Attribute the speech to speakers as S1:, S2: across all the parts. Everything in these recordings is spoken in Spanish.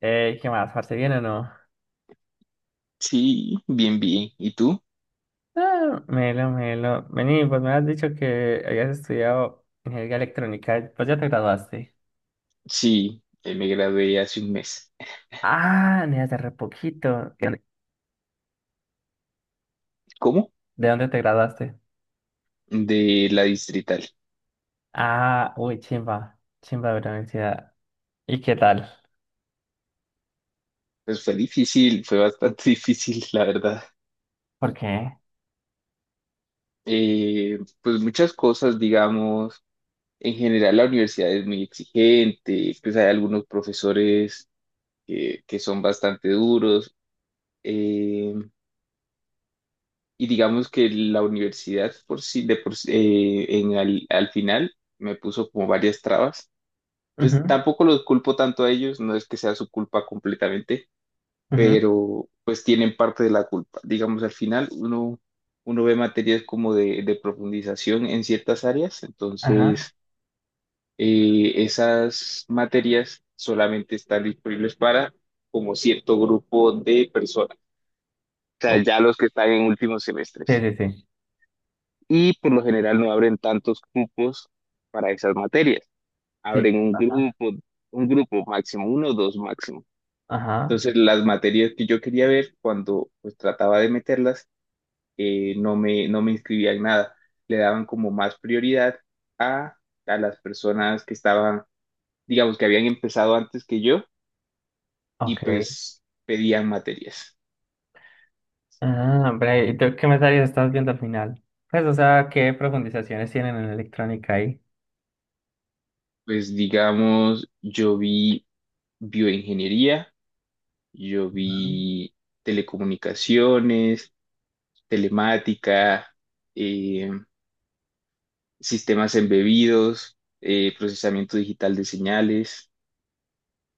S1: ¿Qué más? ¿Parce bien o no?
S2: Sí, bien, bien. ¿Y tú?
S1: Ah, melo, melo. Vení, pues me has dicho que habías estudiado ingeniería electrónica. Pues ya te graduaste.
S2: Sí, me gradué hace un mes.
S1: Ah, ni hace re poquito. ¿De dónde
S2: ¿Cómo?
S1: de dónde te graduaste?
S2: De la distrital.
S1: Ah, uy, chimba. Chimba de la universidad. ¿Y qué tal?
S2: Pues fue difícil, fue bastante difícil, la verdad.
S1: ¿Por qué?
S2: Pues muchas cosas, digamos, en general la universidad es muy exigente, pues hay algunos profesores que son bastante duros. eh, y digamos que la universidad de por sí, en al al final me puso como varias trabas, pues
S1: Ujú,
S2: tampoco los culpo tanto a ellos, no es que sea su culpa completamente,
S1: ujú.
S2: pero pues tienen parte de la culpa. Digamos, al final uno ve materias como de profundización en ciertas áreas.
S1: Ajá.
S2: Entonces, esas materias solamente están disponibles para como cierto grupo de personas, o sea,
S1: Oh,
S2: ya los que están en últimos
S1: sí,
S2: semestres.
S1: sí, sí.
S2: Y por lo general no abren tantos grupos para esas materias.
S1: Sí.
S2: Abren un grupo máximo, uno o dos máximo.
S1: Ajá.
S2: Entonces, las materias que yo quería ver, cuando pues trataba de meterlas, no me inscribía en nada. Le daban como más prioridad a, a las personas que estaban, digamos, que habían empezado antes que yo
S1: Ok.
S2: y pues pedían materias.
S1: Ah, hombre, ¿y tú qué materias estás viendo al final? Pues, o sea, ¿qué profundizaciones tienen en electrónica ahí?
S2: Pues digamos, yo vi bioingeniería, yo vi telecomunicaciones, telemática, eh, sistemas embebidos, procesamiento digital de señales,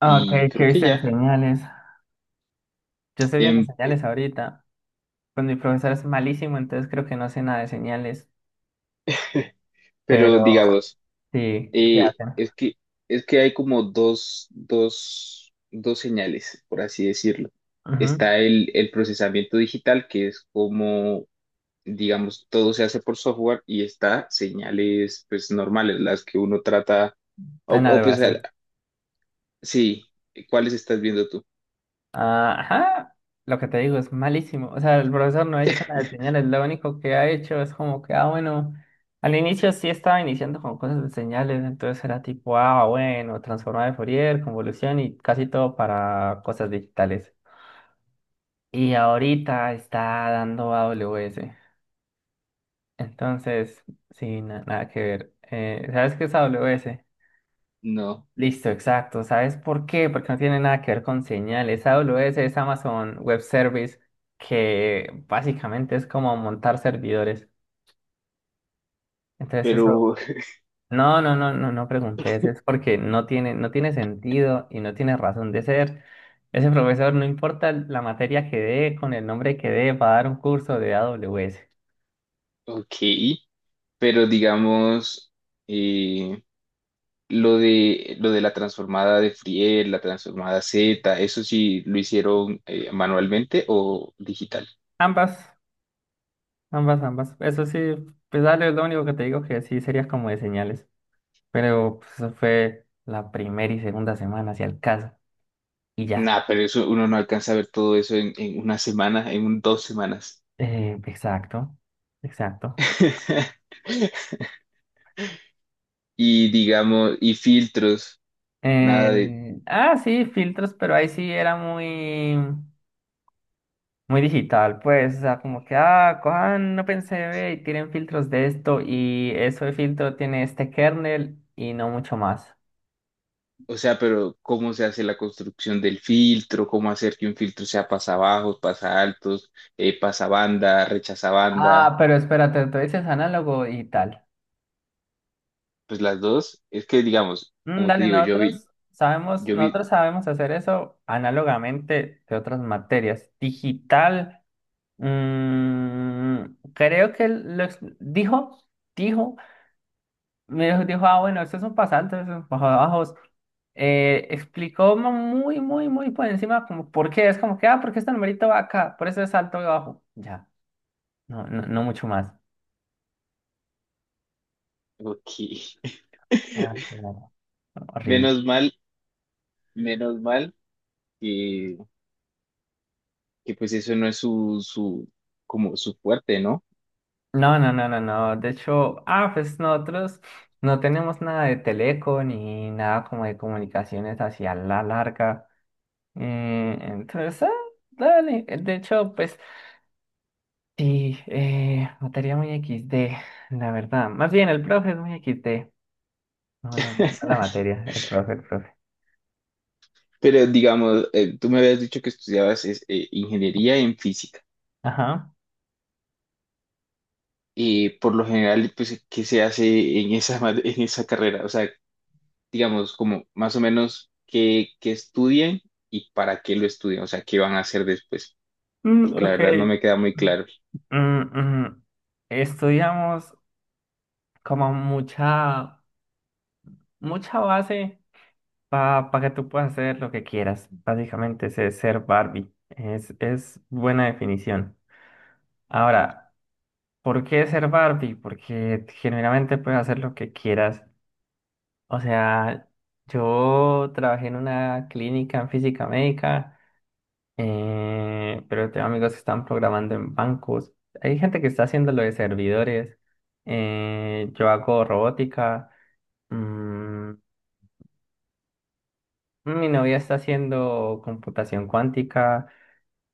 S1: Ah, ok,
S2: y
S1: ¿qué
S2: creo que
S1: viste en
S2: ya.
S1: señales? Yo estoy viendo
S2: Em,
S1: señales ahorita. Pues mi profesor es malísimo, entonces creo que no sé nada de señales.
S2: pero
S1: Pero
S2: digamos,
S1: sí, ¿qué
S2: eh,
S1: hacen?
S2: es que, es que hay como dos señales, por así decirlo.
S1: Ujú.
S2: Está el procesamiento digital, que es como, digamos, todo se hace por software. Y está señales, pues, normales, las que uno trata, o
S1: Análogo
S2: pues,
S1: así.
S2: sí. ¿Cuáles estás viendo tú?
S1: Ah, ajá. Lo que te digo es malísimo. O sea, el profesor no ha hecho nada de señales. Lo único que ha hecho es como que, ah, bueno, al inicio sí estaba iniciando con cosas de señales. Entonces era tipo, ah, bueno, transformada de Fourier, convolución y casi todo para cosas digitales. Y ahorita está dando AWS. Entonces, sí, nada que ver. ¿Sabes qué es AWS?
S2: No,
S1: Listo, exacto. ¿Sabes por qué? Porque no tiene nada que ver con señales. AWS es Amazon Web Service, que básicamente es como montar servidores. Entonces, eso.
S2: pero,
S1: No, no, no, no, no preguntes. Es porque no tiene sentido y no tiene razón de ser. Ese profesor, no importa la materia que dé, con el nombre que dé, va a dar un curso de AWS.
S2: ok, pero digamos, eh, lo de, lo de la transformada de Friel, la transformada Z, ¿eso sí lo hicieron manualmente o digital?
S1: Ambas. Ambas, ambas. Eso sí, pues dale, es lo único que te digo que sí serías como de señales. Pero pues, eso fue la primera y segunda semana, hacia el caso. Y ya.
S2: Nah, pero eso uno no alcanza a ver todo eso en una semana, en 2 semanas.
S1: Exacto, exacto.
S2: Y digamos, y filtros, nada de,
S1: Ah, sí, filtros, pero ahí sí era muy, muy digital, pues. O sea, como que, ah, cojan, no pensé, ve, y tienen filtros de esto. Y eso de filtro tiene este kernel y no mucho más.
S2: o sea, pero ¿cómo se hace la construcción del filtro? ¿Cómo hacer que un filtro sea pasa bajos, pasabajos, pasaltos, pasa banda, rechaza
S1: Ah,
S2: banda?
S1: pero espérate, tú dices análogo y tal.
S2: Pues las dos, es que digamos, como te
S1: Dale,
S2: digo,
S1: nosotros sabemos,
S2: yo vi,
S1: nosotros sabemos hacer eso análogamente de otras materias. Digital, mm, creo que dijo, me dijo, ah, bueno, estos son pasantes, estos son bajo bajos. Explicó muy, muy, muy por encima, como por qué, es como que, ah, porque este numerito va acá, por eso es alto y bajo. Ya, no, no, no mucho más.
S2: ok.
S1: Ah, claro. Horrible.
S2: Menos mal, menos mal que, que pues eso no es como su fuerte, ¿no?
S1: No, no, no, no, no. De hecho, ah, pues nosotros no tenemos nada de teleco ni nada como de comunicaciones hacia la larga. Entonces, ah, dale. De hecho, pues sí, materia muy equis de, la verdad. Más bien, el profe es muy equis de. No, no, no no la materia, el profe, el profe.
S2: Pero digamos, tú me habías dicho que estudiabas es, ingeniería en física.
S1: Ajá.
S2: Y por lo general, pues, ¿qué se hace en esa, en esa carrera? O sea, digamos, como más o menos qué, qué estudian y para qué lo estudian, o sea, qué van a hacer después,
S1: Mm,
S2: porque la
S1: ok.
S2: verdad no me queda muy claro.
S1: Mm, mm. Estudiamos como mucha, mucha base. Para que tú puedas hacer lo que quieras. Básicamente ese es ser Barbie. Es buena definición. Ahora, ¿por qué ser Barbie? Porque generalmente puedes hacer lo que quieras. O sea, yo trabajé en una clínica en física médica, pero tengo amigos que están programando en bancos. Hay gente que está haciendo lo de servidores. Yo hago robótica. Mm, Mi novia está haciendo computación cuántica.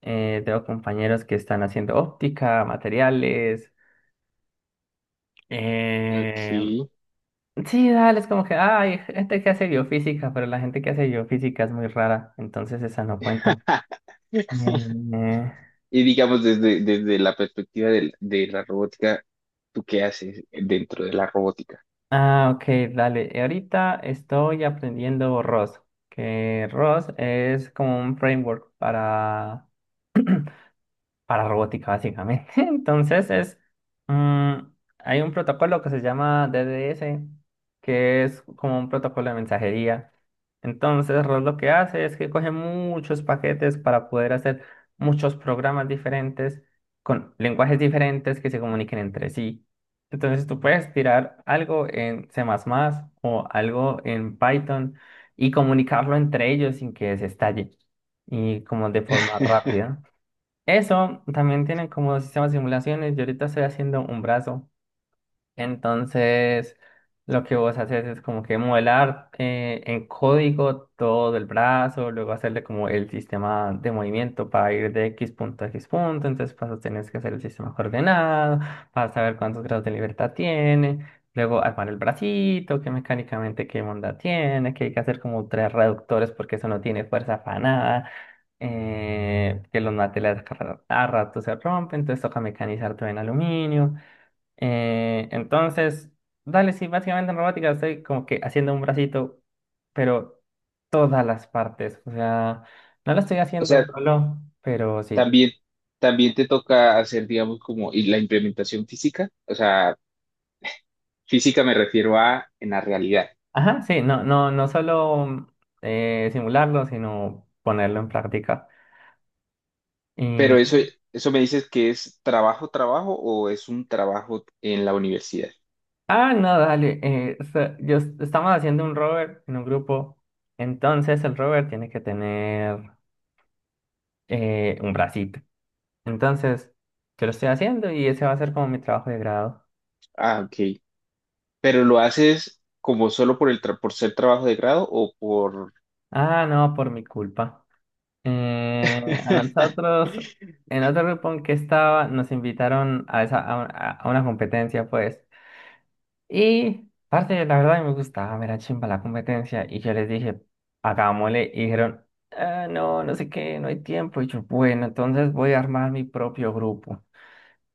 S1: Tengo compañeros que están haciendo óptica, materiales. Eh,
S2: Ok.
S1: sí, dale, es como que ah, hay gente que hace biofísica, pero la gente que hace biofísica es muy rara, entonces esa no cuenta. Eh,
S2: Y digamos, desde, desde la perspectiva de la robótica, ¿tú qué haces dentro de la robótica?
S1: ah, ok, dale. Ahorita estoy aprendiendo ROS, que ROS es como un framework para robótica, básicamente. Entonces mm, hay un protocolo que se llama DDS, que es como un protocolo de mensajería. Entonces, Ross lo que hace es que coge muchos paquetes para poder hacer muchos programas diferentes con lenguajes diferentes que se comuniquen entre sí. Entonces, tú puedes tirar algo en C++ o algo en Python y comunicarlo entre ellos sin que se estalle y como de forma rápida. Eso también tiene como sistema de simulaciones. Yo ahorita estoy haciendo un brazo. Entonces, lo que vos haces es como que modelar en código todo el brazo, luego hacerle como el sistema de movimiento para ir de X punto a X punto, entonces vas a tener que hacer el sistema coordenado, para saber cuántos grados de libertad tiene, luego armar el bracito, qué mecánicamente qué onda tiene, que hay que hacer como tres reductores porque eso no tiene fuerza para nada. Que los materiales a rato se rompen, entonces toca mecanizar todo en aluminio. Entonces, dale, sí, básicamente en robótica estoy como que haciendo un bracito, pero todas las partes. O sea, no lo estoy
S2: O
S1: haciendo
S2: sea,
S1: solo, pero sí.
S2: también, también te toca hacer, digamos, como y la implementación física. O sea, física me refiero a en la realidad.
S1: Ajá, sí, no, no, no solo simularlo, sino ponerlo en práctica.
S2: Pero eso,
S1: Y-
S2: eso me dices que es trabajo, trabajo, o es un trabajo en la universidad.
S1: Ah, no, dale. Estamos haciendo un rover en un grupo. Entonces el rover tiene que tener un bracito. Entonces, yo lo estoy haciendo y ese va a ser como mi trabajo de grado.
S2: Ah, ok. Pero lo haces como solo por el por ser trabajo de grado o por...
S1: Ah, no, por mi culpa. Eh, a nosotros, en otro grupo en que estaba, nos invitaron a, esa, a una competencia, pues. Y, parte, la verdad, me gustaba, me era chimba la competencia. Y yo les dije, hagámosle. Y dijeron, ah, no, no sé qué, no hay tiempo. Y yo, bueno, entonces voy a armar mi propio grupo.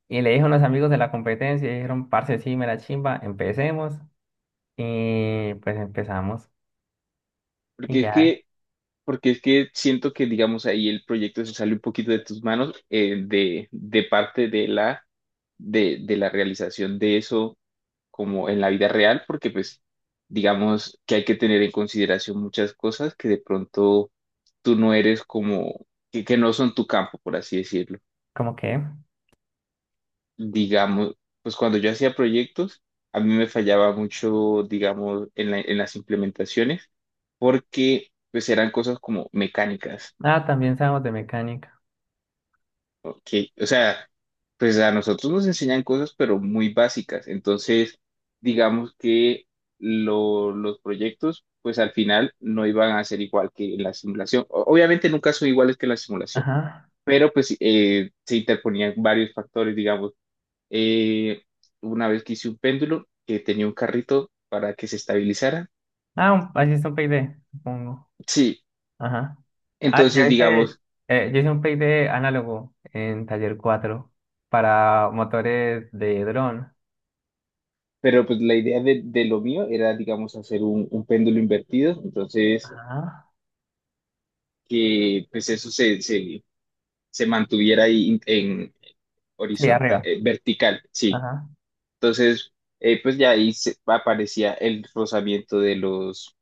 S1: Y le dije a unos amigos de la competencia, y dijeron, parce, sí, me la chimba, empecemos. Y pues empezamos. Y
S2: Porque es
S1: ya,
S2: que Porque es que siento que, digamos, ahí el proyecto se sale un poquito de tus manos, de parte de la realización de eso como en la vida real, porque pues, digamos que hay que tener en consideración muchas cosas que de pronto tú no eres como, que no son tu campo, por así decirlo.
S1: como que,
S2: Digamos, pues cuando yo hacía proyectos, a mí me fallaba mucho, digamos, en en las implementaciones, porque pues eran cosas como mecánicas.
S1: ah, también sabemos de mecánica.
S2: Ok, o sea, pues a nosotros nos enseñan cosas, pero muy básicas. Entonces, digamos que los proyectos, pues al final no iban a ser igual que en la simulación. Obviamente nunca son iguales que en la simulación,
S1: Ajá.
S2: pero pues se interponían varios factores, digamos. Eh, una vez que hice un péndulo que tenía un carrito para que se estabilizara.
S1: Ah, así es un PID, supongo.
S2: Sí,
S1: Ajá. Ah,
S2: entonces
S1: yo hice,
S2: digamos,
S1: eh, yo hice un PID análogo en taller 4 para motores de dron.
S2: pero pues la idea de lo mío era, digamos, hacer un péndulo invertido. Entonces
S1: Ajá.
S2: que pues eso se mantuviera ahí en
S1: Sí,
S2: horizontal,
S1: arriba.
S2: vertical, sí.
S1: Ajá.
S2: Entonces, pues ya ahí aparecía el rozamiento de los,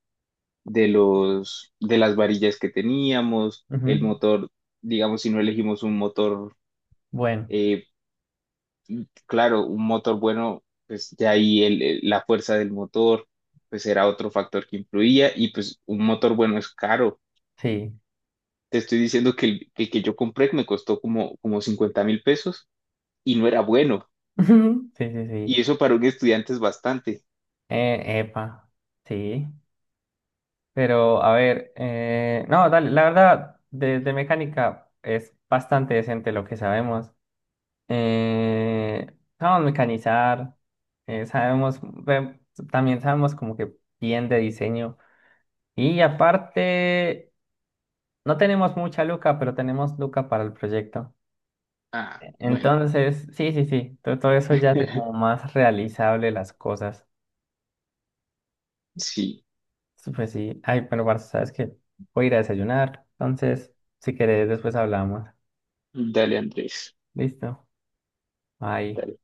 S2: de los, de las varillas que teníamos, el
S1: Ujú.
S2: motor, digamos, si no elegimos un motor,
S1: Bueno,
S2: eh, claro, un motor bueno, pues ya ahí la fuerza del motor, pues era otro factor que influía, y pues un motor bueno es caro.
S1: sí.
S2: Te estoy diciendo que el que yo compré me costó como, como 50.000 pesos, y no era bueno.
S1: Ujú. Sí, sí,
S2: Y
S1: sí.
S2: eso para un estudiante es bastante.
S1: Epa. Sí. Pero, a ver, no, dale, la verdad, de, mecánica es bastante decente lo que sabemos. Eh, Sabemos mecanizar, eh, sabemos, ve- también sabemos como que bien de diseño. Y aparte, no tenemos mucha luca, pero tenemos luca para el proyecto.
S2: Ah, bueno.
S1: Entonces, sí, sí, sí, todo, eso ya hace como más realizable las cosas.
S2: Sí,
S1: Sí, pues sí, ay, pero Barça, sabes que voy a ir a desayunar. Entonces, si querés, después hablamos.
S2: dale Andrés.
S1: Listo, bye.
S2: Dale.